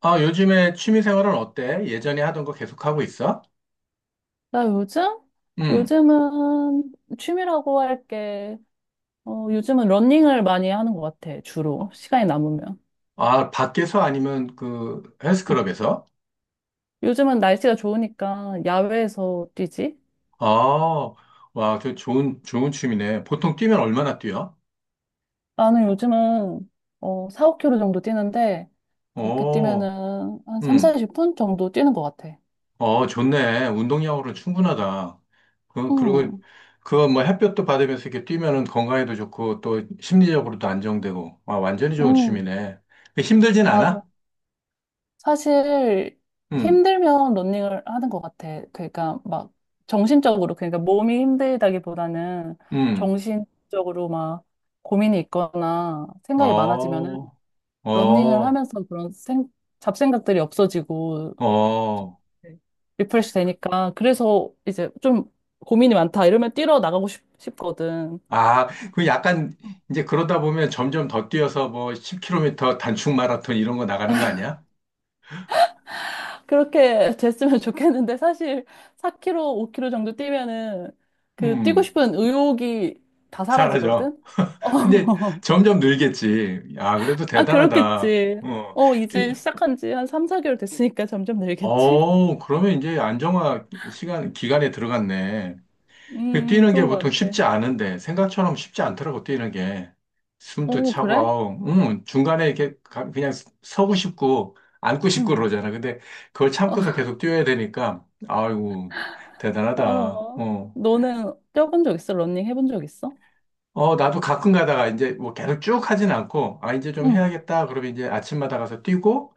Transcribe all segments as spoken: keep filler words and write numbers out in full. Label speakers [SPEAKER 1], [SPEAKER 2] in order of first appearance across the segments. [SPEAKER 1] 아, 요즘에 취미 생활은 어때? 예전에 하던 거 계속 하고 있어?
[SPEAKER 2] 나 요즘?
[SPEAKER 1] 응.
[SPEAKER 2] 요즘은 취미라고 할 게, 어, 요즘은 러닝을 많이 하는 것 같아, 주로. 시간이 남으면.
[SPEAKER 1] 아, 밖에서 아니면 그
[SPEAKER 2] 응.
[SPEAKER 1] 헬스클럽에서?
[SPEAKER 2] 요즘은 날씨가 좋으니까 야외에서 뛰지?
[SPEAKER 1] 아, 와, 저 좋은, 좋은 취미네. 보통 뛰면 얼마나 뛰어?
[SPEAKER 2] 나는 요즘은, 어, 사, 오 k 로 정도 뛰는데, 그렇게
[SPEAKER 1] 오,
[SPEAKER 2] 뛰면은 한 삼,
[SPEAKER 1] 응.
[SPEAKER 2] 사십 분 정도 뛰는 것 같아.
[SPEAKER 1] 어, 좋네. 운동량으로 충분하다. 그, 그리고
[SPEAKER 2] 응,
[SPEAKER 1] 그거 뭐 햇볕도 받으면서 이렇게 뛰면은 건강에도 좋고 또 심리적으로도 안정되고. 와, 완전히 좋은
[SPEAKER 2] 응,
[SPEAKER 1] 취미네. 그 힘들진
[SPEAKER 2] 맞아.
[SPEAKER 1] 않아?
[SPEAKER 2] 사실
[SPEAKER 1] 응,
[SPEAKER 2] 힘들면 러닝을 하는 것 같아. 그러니까 막 정신적으로 그러니까 몸이 힘들다기보다는
[SPEAKER 1] 응.
[SPEAKER 2] 정신적으로 막 고민이 있거나 생각이
[SPEAKER 1] 어,
[SPEAKER 2] 많아지면은 러닝을
[SPEAKER 1] 어,
[SPEAKER 2] 하면서 그런 생, 잡생각들이 없어지고 좀
[SPEAKER 1] 어.
[SPEAKER 2] 리프레시 되니까 그래서 이제 좀 고민이 많다 이러면 뛰러 나가고 싶, 싶거든.
[SPEAKER 1] 아, 그 약간 이제 그러다 보면 점점 더 뛰어서 뭐 십 키로미터 단축 마라톤 이런 거 나가는 거 아니야?
[SPEAKER 2] 그렇게 됐으면 좋겠는데 사실 사 킬로미터, 오 킬로미터 정도 뛰면은 그 뛰고
[SPEAKER 1] 음,
[SPEAKER 2] 싶은 의욕이 다
[SPEAKER 1] 사라져.
[SPEAKER 2] 사라지거든? 어.
[SPEAKER 1] 근데 점점 늘겠지. 아, 그래도
[SPEAKER 2] 아,
[SPEAKER 1] 대단하다.
[SPEAKER 2] 그렇겠지.
[SPEAKER 1] 어,
[SPEAKER 2] 어,
[SPEAKER 1] 뛰-
[SPEAKER 2] 이제 시작한 지 한 삼, 사 개월 됐으니까 점점 늘겠지?
[SPEAKER 1] 어, 그러면 이제 안정화 시간, 기간에 들어갔네. 그
[SPEAKER 2] 음,
[SPEAKER 1] 뛰는 게
[SPEAKER 2] 그런
[SPEAKER 1] 보통
[SPEAKER 2] 것 같아.
[SPEAKER 1] 쉽지 않은데, 생각처럼 쉽지 않더라고, 뛰는 게. 숨도
[SPEAKER 2] 어,
[SPEAKER 1] 차고,
[SPEAKER 2] 그래?
[SPEAKER 1] 아우, 음, 중간에 이렇게 가- 그냥 서고 싶고, 앉고 싶고
[SPEAKER 2] 응.
[SPEAKER 1] 그러잖아. 근데 그걸 참고서 계속 뛰어야 되니까, 아이고,
[SPEAKER 2] 어,
[SPEAKER 1] 대단하다.
[SPEAKER 2] 어.
[SPEAKER 1] 어.
[SPEAKER 2] 너는 뛰어본 적 있어? 러닝 해본 적 있어?
[SPEAKER 1] 어, 나도 가끔 가다가 이제 뭐 계속 쭉 하진 않고, 아, 이제 좀
[SPEAKER 2] 응.
[SPEAKER 1] 해야겠다. 그러면 이제 아침마다 가서 뛰고,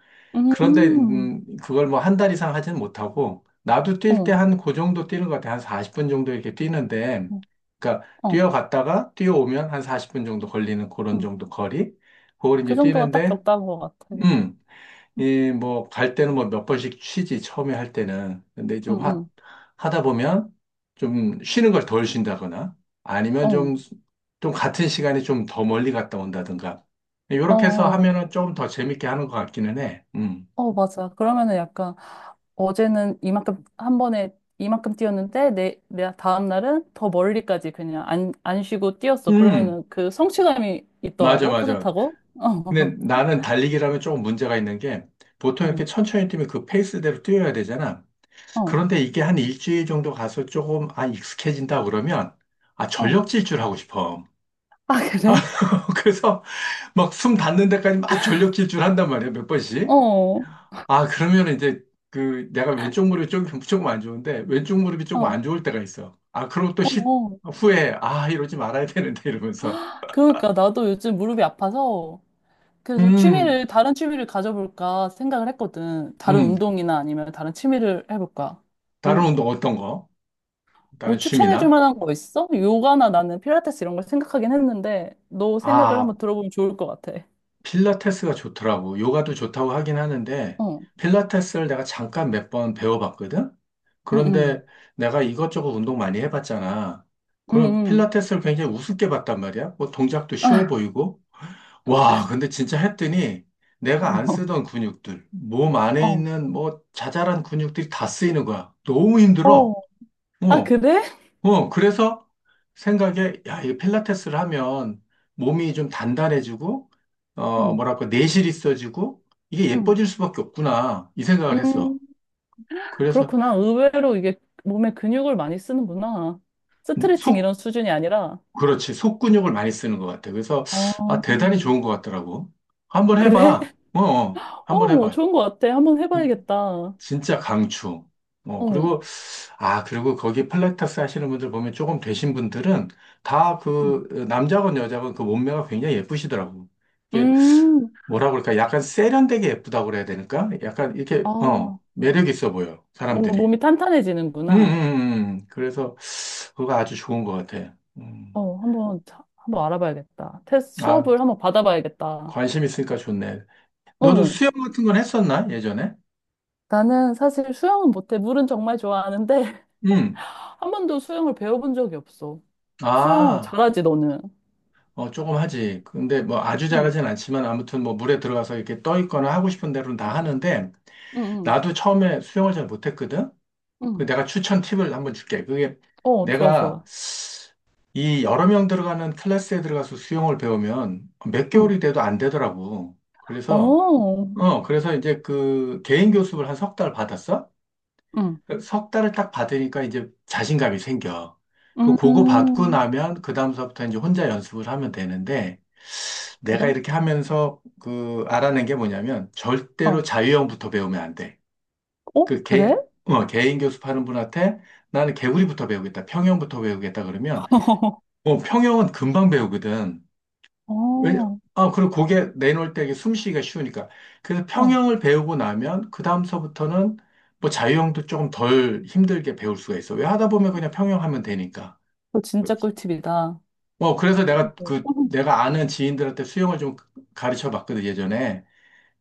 [SPEAKER 1] 그런데
[SPEAKER 2] 음,
[SPEAKER 1] 음, 그걸 뭐 한 달 이상 하지는 못하고 나도 뛸 때
[SPEAKER 2] 어,
[SPEAKER 1] 한 그 정도 뛰는 것 같아. 한 사십 분 정도 이렇게 뛰는데
[SPEAKER 2] 어,
[SPEAKER 1] 그러니까
[SPEAKER 2] 어.
[SPEAKER 1] 뛰어갔다가 뛰어오면 한 사십 분 정도 걸리는 그런
[SPEAKER 2] 응.
[SPEAKER 1] 정도 거리. 그걸
[SPEAKER 2] 그
[SPEAKER 1] 이제
[SPEAKER 2] 정도가 딱
[SPEAKER 1] 뛰는데
[SPEAKER 2] 적당한 것 같아.
[SPEAKER 1] 음,
[SPEAKER 2] 응,
[SPEAKER 1] 이 뭐 갈 때는 뭐 몇 번씩 쉬지 처음에 할 때는. 근데
[SPEAKER 2] 응,
[SPEAKER 1] 좀 하,
[SPEAKER 2] 응.
[SPEAKER 1] 하다 보면 좀 쉬는 걸 덜 쉰다거나 아니면
[SPEAKER 2] 어,
[SPEAKER 1] 좀 좀 같은 시간에 좀 더 멀리 갔다 온다든가.
[SPEAKER 2] 어.
[SPEAKER 1] 이렇게 해서
[SPEAKER 2] 어.
[SPEAKER 1] 하면은 조금 더 재밌게 하는 것 같기는 해. 음.
[SPEAKER 2] 어, 맞아. 그러면은 약간 어제는 이만큼 한 번에 이만큼 뛰었는데 내, 내 다음 날은 더 멀리까지 그냥 안, 안 쉬고 뛰었어.
[SPEAKER 1] 음.
[SPEAKER 2] 그러면은 그 성취감이
[SPEAKER 1] 맞아,
[SPEAKER 2] 있더라고.
[SPEAKER 1] 맞아.
[SPEAKER 2] 뿌듯하고.
[SPEAKER 1] 근데 나는 달리기라면 조금 문제가 있는 게 보통
[SPEAKER 2] 어,
[SPEAKER 1] 이렇게
[SPEAKER 2] 어,
[SPEAKER 1] 천천히 뛰면 그 페이스대로 뛰어야 되잖아.
[SPEAKER 2] 어,
[SPEAKER 1] 그런데 이게 한 일주일 정도 가서 조금 아 익숙해진다 그러면 아
[SPEAKER 2] 어.
[SPEAKER 1] 전력 질주 하고 싶어.
[SPEAKER 2] 아,
[SPEAKER 1] 아,
[SPEAKER 2] 그래?
[SPEAKER 1] 그래서 막 숨 닿는 데까지 막 전력 질주를 한단 말이야, 몇 번씩.
[SPEAKER 2] 어, 어,
[SPEAKER 1] 아, 그러면 이제 그 내가 왼쪽 무릎이 조금, 조금 안 좋은데 왼쪽 무릎이 조금
[SPEAKER 2] 어,
[SPEAKER 1] 안 좋을 때가 있어. 아, 그럼 또 시,
[SPEAKER 2] 어.
[SPEAKER 1] 후에 아, 이러지 말아야 되는데 이러면서.
[SPEAKER 2] 그러니까 나도 요즘 무릎이 아파서 그래서
[SPEAKER 1] 음,
[SPEAKER 2] 취미를, 다른 취미를 가져볼까 생각을 했거든. 다른
[SPEAKER 1] 음.
[SPEAKER 2] 운동이나 아니면 다른 취미를 해볼까.
[SPEAKER 1] 다른
[SPEAKER 2] 뭐,
[SPEAKER 1] 운동 어떤 거? 다른
[SPEAKER 2] 뭐 추천해 줄
[SPEAKER 1] 취미나?
[SPEAKER 2] 만한 거 있어? 요가나 나는 필라테스 이런 걸 생각하긴 했는데 너 생각을
[SPEAKER 1] 아,
[SPEAKER 2] 한번 들어보면 좋을 것 같아.
[SPEAKER 1] 필라테스가 좋더라고. 요가도 좋다고 하긴 하는데,
[SPEAKER 2] 어,
[SPEAKER 1] 필라테스를 내가 잠깐 몇 번 배워봤거든?
[SPEAKER 2] 응, 응,
[SPEAKER 1] 그런데 내가 이것저것 운동 많이 해봤잖아.
[SPEAKER 2] 응,
[SPEAKER 1] 그럼
[SPEAKER 2] 응.
[SPEAKER 1] 필라테스를 굉장히 우습게 봤단 말이야. 뭐 동작도 쉬워
[SPEAKER 2] 아,
[SPEAKER 1] 보이고. 와, 근데 진짜 했더니 내가 안 쓰던 근육들, 몸
[SPEAKER 2] 어,
[SPEAKER 1] 안에
[SPEAKER 2] 어,
[SPEAKER 1] 있는 뭐 자잘한 근육들이 다 쓰이는 거야. 너무
[SPEAKER 2] 어.
[SPEAKER 1] 힘들어.
[SPEAKER 2] 아,
[SPEAKER 1] 어,
[SPEAKER 2] 그래?
[SPEAKER 1] 어, 그래서 생각에, 야, 이 필라테스를 하면 몸이 좀 단단해지고, 어,
[SPEAKER 2] 응,
[SPEAKER 1] 뭐랄까, 내실이 있어지고, 이게
[SPEAKER 2] 응,
[SPEAKER 1] 예뻐질 수밖에 없구나, 이 생각을 했어.
[SPEAKER 2] 음,
[SPEAKER 1] 그래서
[SPEAKER 2] 그렇구나. 의외로 이게 몸에 근육을 많이 쓰는구나. 스트레칭
[SPEAKER 1] 속,
[SPEAKER 2] 이런 수준이 아니라.
[SPEAKER 1] 그렇지, 속 근육을 많이 쓰는 것 같아. 그래서, 아,
[SPEAKER 2] 어,
[SPEAKER 1] 대단히 좋은 것 같더라고. 한번
[SPEAKER 2] 그래?
[SPEAKER 1] 해봐. 어, 어, 한번
[SPEAKER 2] 어,
[SPEAKER 1] 해봐.
[SPEAKER 2] 좋은 것 같아. 한번
[SPEAKER 1] 진-
[SPEAKER 2] 해봐야겠다. 어,
[SPEAKER 1] 진짜 강추. 어, 그리고 아, 그리고 거기 필라테스 하시는 분들 보면 조금 되신 분들은 다 그 남자건 여자건 그 몸매가 굉장히 예쁘시더라고. 이게
[SPEAKER 2] 음,
[SPEAKER 1] 뭐라 그럴까? 약간 세련되게 예쁘다고 그래야 되니까? 약간 이렇게,
[SPEAKER 2] 아,
[SPEAKER 1] 어, 매력 있어 보여,
[SPEAKER 2] 뭔가
[SPEAKER 1] 사람들이.
[SPEAKER 2] 몸이
[SPEAKER 1] 음, 음,
[SPEAKER 2] 탄탄해지는구나.
[SPEAKER 1] 음. 음. 그래서 그거 아주 좋은 것 같아. 음.
[SPEAKER 2] 어, 한번, 자- 한번 알아봐야겠다. 테스트
[SPEAKER 1] 아,
[SPEAKER 2] 수업을 한번 받아봐야겠다.
[SPEAKER 1] 관심 있으니까 좋네. 너도
[SPEAKER 2] 어,
[SPEAKER 1] 수영 같은 건 했었나? 예전에?
[SPEAKER 2] 나는 사실 수영은 못해. 물은 정말 좋아하는데,
[SPEAKER 1] 음.
[SPEAKER 2] 한 번도 수영을 배워본 적이 없어. 수영
[SPEAKER 1] 아,
[SPEAKER 2] 잘하지, 너는?
[SPEAKER 1] 어, 조금 하지. 근데 뭐 아주
[SPEAKER 2] 응,
[SPEAKER 1] 잘하진 않지만 아무튼 뭐 물에 들어가서 이렇게 떠 있거나 하고 싶은 대로는
[SPEAKER 2] 응,
[SPEAKER 1] 다 하는데
[SPEAKER 2] 응, 응.
[SPEAKER 1] 나도 처음에 수영을 잘 못했거든? 그
[SPEAKER 2] 응.
[SPEAKER 1] 내가 추천 팁을 한번 줄게. 그게
[SPEAKER 2] 어, 좋아,
[SPEAKER 1] 내가
[SPEAKER 2] 좋아.
[SPEAKER 1] 이 여러 명 들어가는 클래스에 들어가서 수영을 배우면 몇
[SPEAKER 2] 응.
[SPEAKER 1] 개월이 돼도 안 되더라고. 그래서,
[SPEAKER 2] 어,
[SPEAKER 1] 어, 그래서 이제 그 개인 교습을 한 석 달 받았어?
[SPEAKER 2] 응.
[SPEAKER 1] 그석 달을 딱 받으니까 이제 자신감이 생겨. 그 그거 받고
[SPEAKER 2] 음,
[SPEAKER 1] 나면 그 다음서부터 이제 혼자 연습을 하면 되는데 내가
[SPEAKER 2] 그래?
[SPEAKER 1] 이렇게 하면서 그 알아낸 게 뭐냐면 절대로
[SPEAKER 2] 어,
[SPEAKER 1] 자유형부터 배우면 안 돼.
[SPEAKER 2] 어,
[SPEAKER 1] 그
[SPEAKER 2] 그래?
[SPEAKER 1] 개, 어, 개인 교습하는 분한테 나는 개구리부터 배우겠다, 평형부터 배우겠다 그러면 어, 평형은 금방 배우거든.
[SPEAKER 2] 어,
[SPEAKER 1] 왜?
[SPEAKER 2] 어,
[SPEAKER 1] 아, 그리고 고개 내놓을 때 이게 숨쉬기가 쉬우니까. 그래서 평형을 배우고 나면 그 다음서부터는 뭐 자유형도 조금 덜 힘들게 배울 수가 있어. 왜 하다 보면 그냥 평형하면 되니까.
[SPEAKER 2] 그거 진짜 꿀팁이다. 어,
[SPEAKER 1] 어, 그래서 내가 그, 내가 아는 지인들한테 수영을 좀 가르쳐 봤거든, 예전에.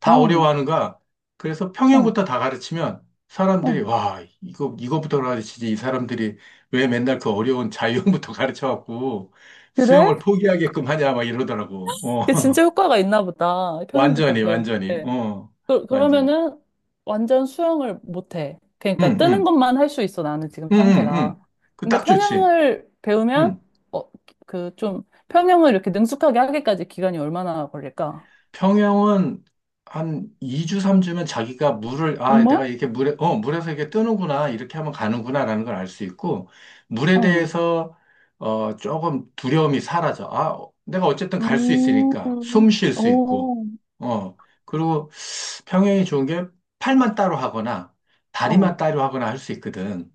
[SPEAKER 1] 다
[SPEAKER 2] 어,
[SPEAKER 1] 어려워하는 거야. 그래서
[SPEAKER 2] 어,
[SPEAKER 1] 평형부터 다 가르치면 사람들이
[SPEAKER 2] 어.
[SPEAKER 1] 와, 이거 이거부터 가르치지 이 사람들이 왜 맨날 그 어려운 자유형부터 가르쳐갖고
[SPEAKER 2] 그래?
[SPEAKER 1] 수영을 포기하게끔 하냐 막 이러더라고.
[SPEAKER 2] 그게
[SPEAKER 1] 어.
[SPEAKER 2] 진짜 효과가 있나 보다. 평영부터
[SPEAKER 1] 완전히 완전히.
[SPEAKER 2] 배우는데.
[SPEAKER 1] 어.
[SPEAKER 2] 그,
[SPEAKER 1] 완전히.
[SPEAKER 2] 그러면은 완전 수영을 못해. 그러니까
[SPEAKER 1] 응,
[SPEAKER 2] 뜨는
[SPEAKER 1] 응.
[SPEAKER 2] 것만 할 수 있어, 나는 지금
[SPEAKER 1] 응, 응,
[SPEAKER 2] 상태가.
[SPEAKER 1] 응. 그
[SPEAKER 2] 근데
[SPEAKER 1] 딱
[SPEAKER 2] 평영
[SPEAKER 1] 좋지.
[SPEAKER 2] 을 배우면,
[SPEAKER 1] 응.
[SPEAKER 2] 어, 그 좀, 평영을 이렇게 능숙하게 하기까지 기간이 얼마나 걸릴까?
[SPEAKER 1] 평형은 한 이 주, 삼 주면 자기가 물을, 아, 내가
[SPEAKER 2] 정말?
[SPEAKER 1] 이렇게 물에, 어, 물에서 이게 뜨는구나, 이렇게 하면 가는구나라는 걸 알 수 있고, 물에
[SPEAKER 2] 어.
[SPEAKER 1] 대해서, 어, 조금 두려움이 사라져. 아, 어, 내가 어쨌든 갈 수
[SPEAKER 2] 음,
[SPEAKER 1] 있으니까, 숨
[SPEAKER 2] 오,
[SPEAKER 1] 쉴 수 있고,
[SPEAKER 2] 어,
[SPEAKER 1] 어, 그리고 평형이 좋은 게 팔만 따로 하거나,
[SPEAKER 2] 어,
[SPEAKER 1] 다리만 따로 하거나 할 수 있거든.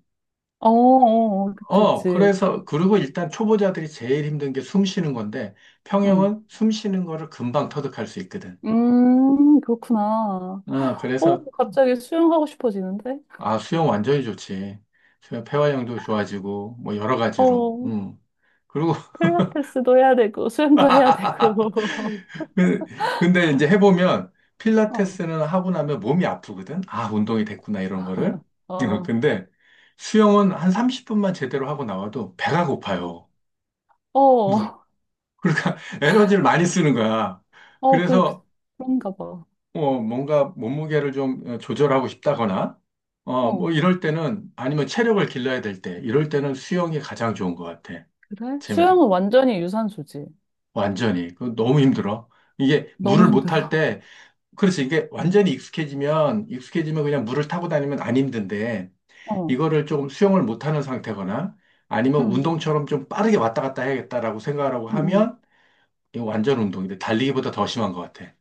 [SPEAKER 2] 어, 어, 그치,
[SPEAKER 1] 어,
[SPEAKER 2] 그치.
[SPEAKER 1] 그래서, 그리고 일단 초보자들이 제일 힘든 게 숨 쉬는 건데,
[SPEAKER 2] 응.
[SPEAKER 1] 평형은 숨 쉬는 거를 금방 터득할 수 있거든.
[SPEAKER 2] 음, 그렇구나.
[SPEAKER 1] 어,
[SPEAKER 2] 어,
[SPEAKER 1] 그래서
[SPEAKER 2] 갑자기 수영하고 싶어지는데?
[SPEAKER 1] 아, 수영 완전히 좋지. 수영 폐활량도 좋아지고, 뭐, 여러 가지로.
[SPEAKER 2] 어.
[SPEAKER 1] 음. 그리고,
[SPEAKER 2] 필라테스도 해야 되고 수영도 해야 되고
[SPEAKER 1] 그- 근데 이제 해보면,
[SPEAKER 2] 어,
[SPEAKER 1] 필라테스는 하고 나면 몸이 아프거든? 아, 운동이 됐구나, 이런 거를.
[SPEAKER 2] 어,
[SPEAKER 1] 근데 수영은 한 삼십 분만 제대로 하고 나와도 배가
[SPEAKER 2] 어,
[SPEAKER 1] 고파요. 뭐,
[SPEAKER 2] 어,
[SPEAKER 1] 그러니까 에너지를 많이 쓰는 거야.
[SPEAKER 2] 어, 그, 그
[SPEAKER 1] 그래서,
[SPEAKER 2] 그런가 봐.
[SPEAKER 1] 어, 뭔가 몸무게를 좀 어, 조절하고 싶다거나, 어, 뭐,
[SPEAKER 2] 어,
[SPEAKER 1] 이럴 때는, 아니면 체력을 길러야 될 때, 이럴 때는 수영이 가장 좋은 것 같아.
[SPEAKER 2] 그래?
[SPEAKER 1] 재미도.
[SPEAKER 2] 수영은 완전히 유산소지.
[SPEAKER 1] 완전히. 그 너무 힘들어. 이게
[SPEAKER 2] 너무
[SPEAKER 1] 물을 못탈
[SPEAKER 2] 힘들어.
[SPEAKER 1] 때, 그래서 이게 완전히 익숙해지면, 익숙해지면 그냥 물을 타고 다니면 안 힘든데,
[SPEAKER 2] 어,
[SPEAKER 1] 이거를 조금 수영을 못하는 상태거나, 아니면
[SPEAKER 2] 응,
[SPEAKER 1] 운동처럼 좀 빠르게 왔다 갔다 해야겠다라고 생각하고
[SPEAKER 2] 응, 응.
[SPEAKER 1] 하면, 이거 완전 운동인데, 달리기보다 더 심한 것 같아.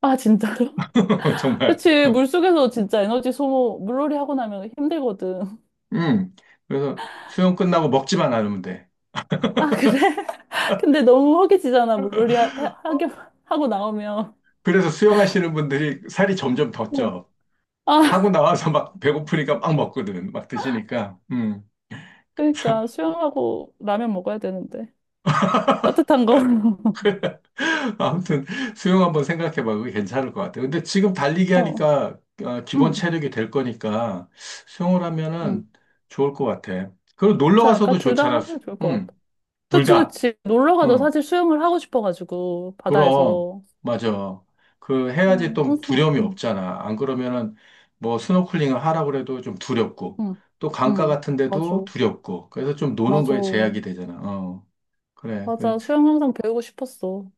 [SPEAKER 2] 아, 진짜로?
[SPEAKER 1] 정말.
[SPEAKER 2] 그치, 물속에서 진짜 에너지 소모, 물놀이 하고 나면 힘들거든.
[SPEAKER 1] 음. 그래서 수영 끝나고 먹지만 않으면 돼.
[SPEAKER 2] 아, 그래? 근데 너무 허기지잖아, 물놀이 하,
[SPEAKER 1] 어,
[SPEAKER 2] 하게, 하고 나오면.
[SPEAKER 1] 그래서 수영하시는 분들이 살이 점점 더
[SPEAKER 2] 어.
[SPEAKER 1] 쪄. 하고
[SPEAKER 2] 아,
[SPEAKER 1] 나와서 막 배고프니까 막 먹거든. 막 드시니까. 음.
[SPEAKER 2] 그러니까 수영하고 라면 먹어야 되는데. 따뜻한 거.
[SPEAKER 1] 아무튼 수영 한번 생각해봐. 그게 괜찮을 것 같아. 근데 지금 달리기
[SPEAKER 2] 어,
[SPEAKER 1] 하니까 아, 기본
[SPEAKER 2] 응.
[SPEAKER 1] 체력이 될 거니까 수영을
[SPEAKER 2] 응.
[SPEAKER 1] 하면은 좋을 것 같아. 그리고 놀러
[SPEAKER 2] 괜찮을까?
[SPEAKER 1] 가서도
[SPEAKER 2] 둘 다
[SPEAKER 1] 좋잖아. 수-
[SPEAKER 2] 하면 좋을 것
[SPEAKER 1] 응,
[SPEAKER 2] 같아.
[SPEAKER 1] 둘
[SPEAKER 2] 그치,
[SPEAKER 1] 다.
[SPEAKER 2] 그치. 놀러 가도
[SPEAKER 1] 응,
[SPEAKER 2] 사실 수영을 하고 싶어가지고,
[SPEAKER 1] 그럼
[SPEAKER 2] 바다에서.
[SPEAKER 1] 맞아. 그 해야지
[SPEAKER 2] 응,
[SPEAKER 1] 또
[SPEAKER 2] 항상,
[SPEAKER 1] 두려움이
[SPEAKER 2] 응,
[SPEAKER 1] 없잖아. 안 그러면은 뭐 스노클링을 하라고 해도 좀 두렵고
[SPEAKER 2] 응,
[SPEAKER 1] 또 강가
[SPEAKER 2] 응.
[SPEAKER 1] 같은
[SPEAKER 2] 맞아,
[SPEAKER 1] 데도 두렵고 그래서 좀 노는
[SPEAKER 2] 맞아.
[SPEAKER 1] 거에 제약이 되잖아. 어, 그래.
[SPEAKER 2] 맞아, 수영 항상 배우고 싶었어.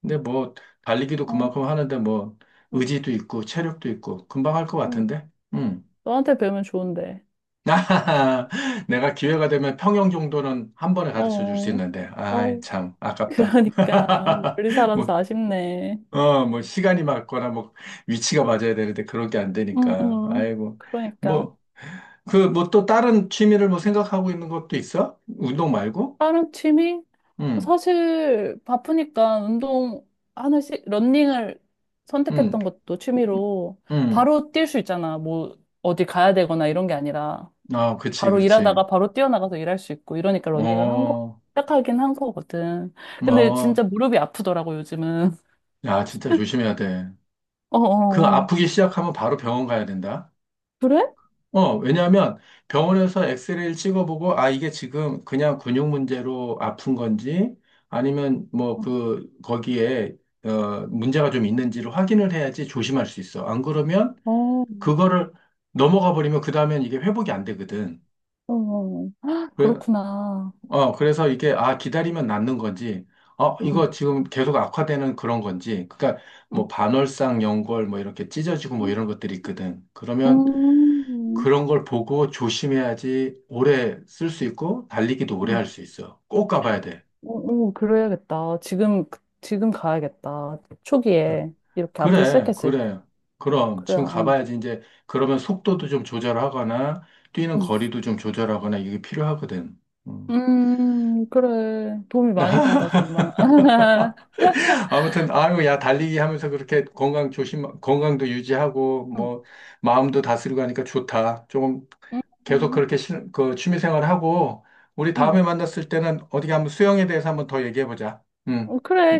[SPEAKER 1] 근데 뭐 달리기도
[SPEAKER 2] 어,
[SPEAKER 1] 그만큼 하는데 뭐 의지도 있고 체력도 있고 금방 할 것
[SPEAKER 2] 응.
[SPEAKER 1] 같은데. 음.
[SPEAKER 2] 너한테 배우면 좋은데.
[SPEAKER 1] 내가 기회가 되면 평영 정도는 한 번에
[SPEAKER 2] 어,
[SPEAKER 1] 가르쳐 줄 수
[SPEAKER 2] 어.
[SPEAKER 1] 있는데. 아이,
[SPEAKER 2] 어.
[SPEAKER 1] 참 아깝다.
[SPEAKER 2] 그러니까, 멀리 살아서
[SPEAKER 1] 뭐
[SPEAKER 2] 아쉽네.
[SPEAKER 1] 어, 뭐 시간이 맞거나 뭐 위치가 맞아야 되는데 그런 게 안
[SPEAKER 2] 응,
[SPEAKER 1] 되니까.
[SPEAKER 2] 응.
[SPEAKER 1] 아이고.
[SPEAKER 2] 그러니까.
[SPEAKER 1] 뭐 그 뭐 또 다른 취미를 뭐 생각하고 있는 것도 있어? 운동 말고?
[SPEAKER 2] 다른 취미?
[SPEAKER 1] 음.
[SPEAKER 2] 사실 바쁘니까 운동 하나씩 러닝을
[SPEAKER 1] 음.
[SPEAKER 2] 선택했던 것도 취미로
[SPEAKER 1] 음.
[SPEAKER 2] 바로 뛸 수 있잖아. 뭐 어디 가야 되거나 이런 게 아니라
[SPEAKER 1] 아, 그치,
[SPEAKER 2] 바로
[SPEAKER 1] 그치.
[SPEAKER 2] 일하다가 바로 뛰어나가서 일할 수 있고 이러니까 러닝을 한 거,
[SPEAKER 1] 어.
[SPEAKER 2] 시작하긴 한 거거든. 근데 진짜
[SPEAKER 1] 어.
[SPEAKER 2] 무릎이 아프더라고 요즘은.
[SPEAKER 1] 야, 진짜 조심해야 돼.
[SPEAKER 2] 어,
[SPEAKER 1] 그
[SPEAKER 2] 어, 어.
[SPEAKER 1] 아프기 시작하면 바로 병원 가야 된다.
[SPEAKER 2] 그래?
[SPEAKER 1] 어, 왜냐하면 병원에서 엑스레이를 찍어보고, 아, 이게 지금 그냥 근육 문제로 아픈 건지, 아니면 뭐 그, 거기에, 어, 문제가 좀 있는지를 확인을 해야지 조심할 수 있어. 안 그러면
[SPEAKER 2] 어, 어,
[SPEAKER 1] 그거를 넘어가 버리면 그 다음엔 이게 회복이 안 되거든.
[SPEAKER 2] 어. 헉,
[SPEAKER 1] 그래,
[SPEAKER 2] 그렇구나.
[SPEAKER 1] 어, 그래서 이게, 아, 기다리면 낫는 건지, 어,
[SPEAKER 2] 응,
[SPEAKER 1] 이거 지금 계속 악화되는 그런 건지, 그러니까 뭐
[SPEAKER 2] 응,
[SPEAKER 1] 반월상, 연골, 뭐 이렇게 찢어지고 뭐
[SPEAKER 2] 응.
[SPEAKER 1] 이런 것들이 있거든. 그러면
[SPEAKER 2] 음,
[SPEAKER 1] 그런 걸 보고 조심해야지 오래 쓸 수 있고, 달리기도 오래
[SPEAKER 2] 음.
[SPEAKER 1] 할 수 있어. 꼭 가봐야 돼.
[SPEAKER 2] 오, 그래야겠다. 지금, 그- 지금 가야겠다. 초기에. 이렇게 아프기
[SPEAKER 1] 그래,
[SPEAKER 2] 시작했을 때.
[SPEAKER 1] 그래. 그럼
[SPEAKER 2] 그래야,
[SPEAKER 1] 지금
[SPEAKER 2] 어.
[SPEAKER 1] 가봐야지 이제 그러면 속도도 좀 조절하거나 뛰는
[SPEAKER 2] 응.
[SPEAKER 1] 거리도 좀 조절하거나 이게 필요하거든. 음.
[SPEAKER 2] 음, 그래. 도움이 많이 된다, 정말.
[SPEAKER 1] 아무튼 아유 야 달리기 하면서 그렇게 건강 조심 건강도 유지하고
[SPEAKER 2] 응,
[SPEAKER 1] 뭐 마음도 다스리고 하니까 좋다. 조금
[SPEAKER 2] 응,
[SPEAKER 1] 계속
[SPEAKER 2] 응.
[SPEAKER 1] 그렇게 시, 그 취미 생활하고 우리
[SPEAKER 2] 응.
[SPEAKER 1] 다음에 만났을 때는 어디 한번 수영에 대해서 한번 더 얘기해 보자. 응.
[SPEAKER 2] 어, 그래,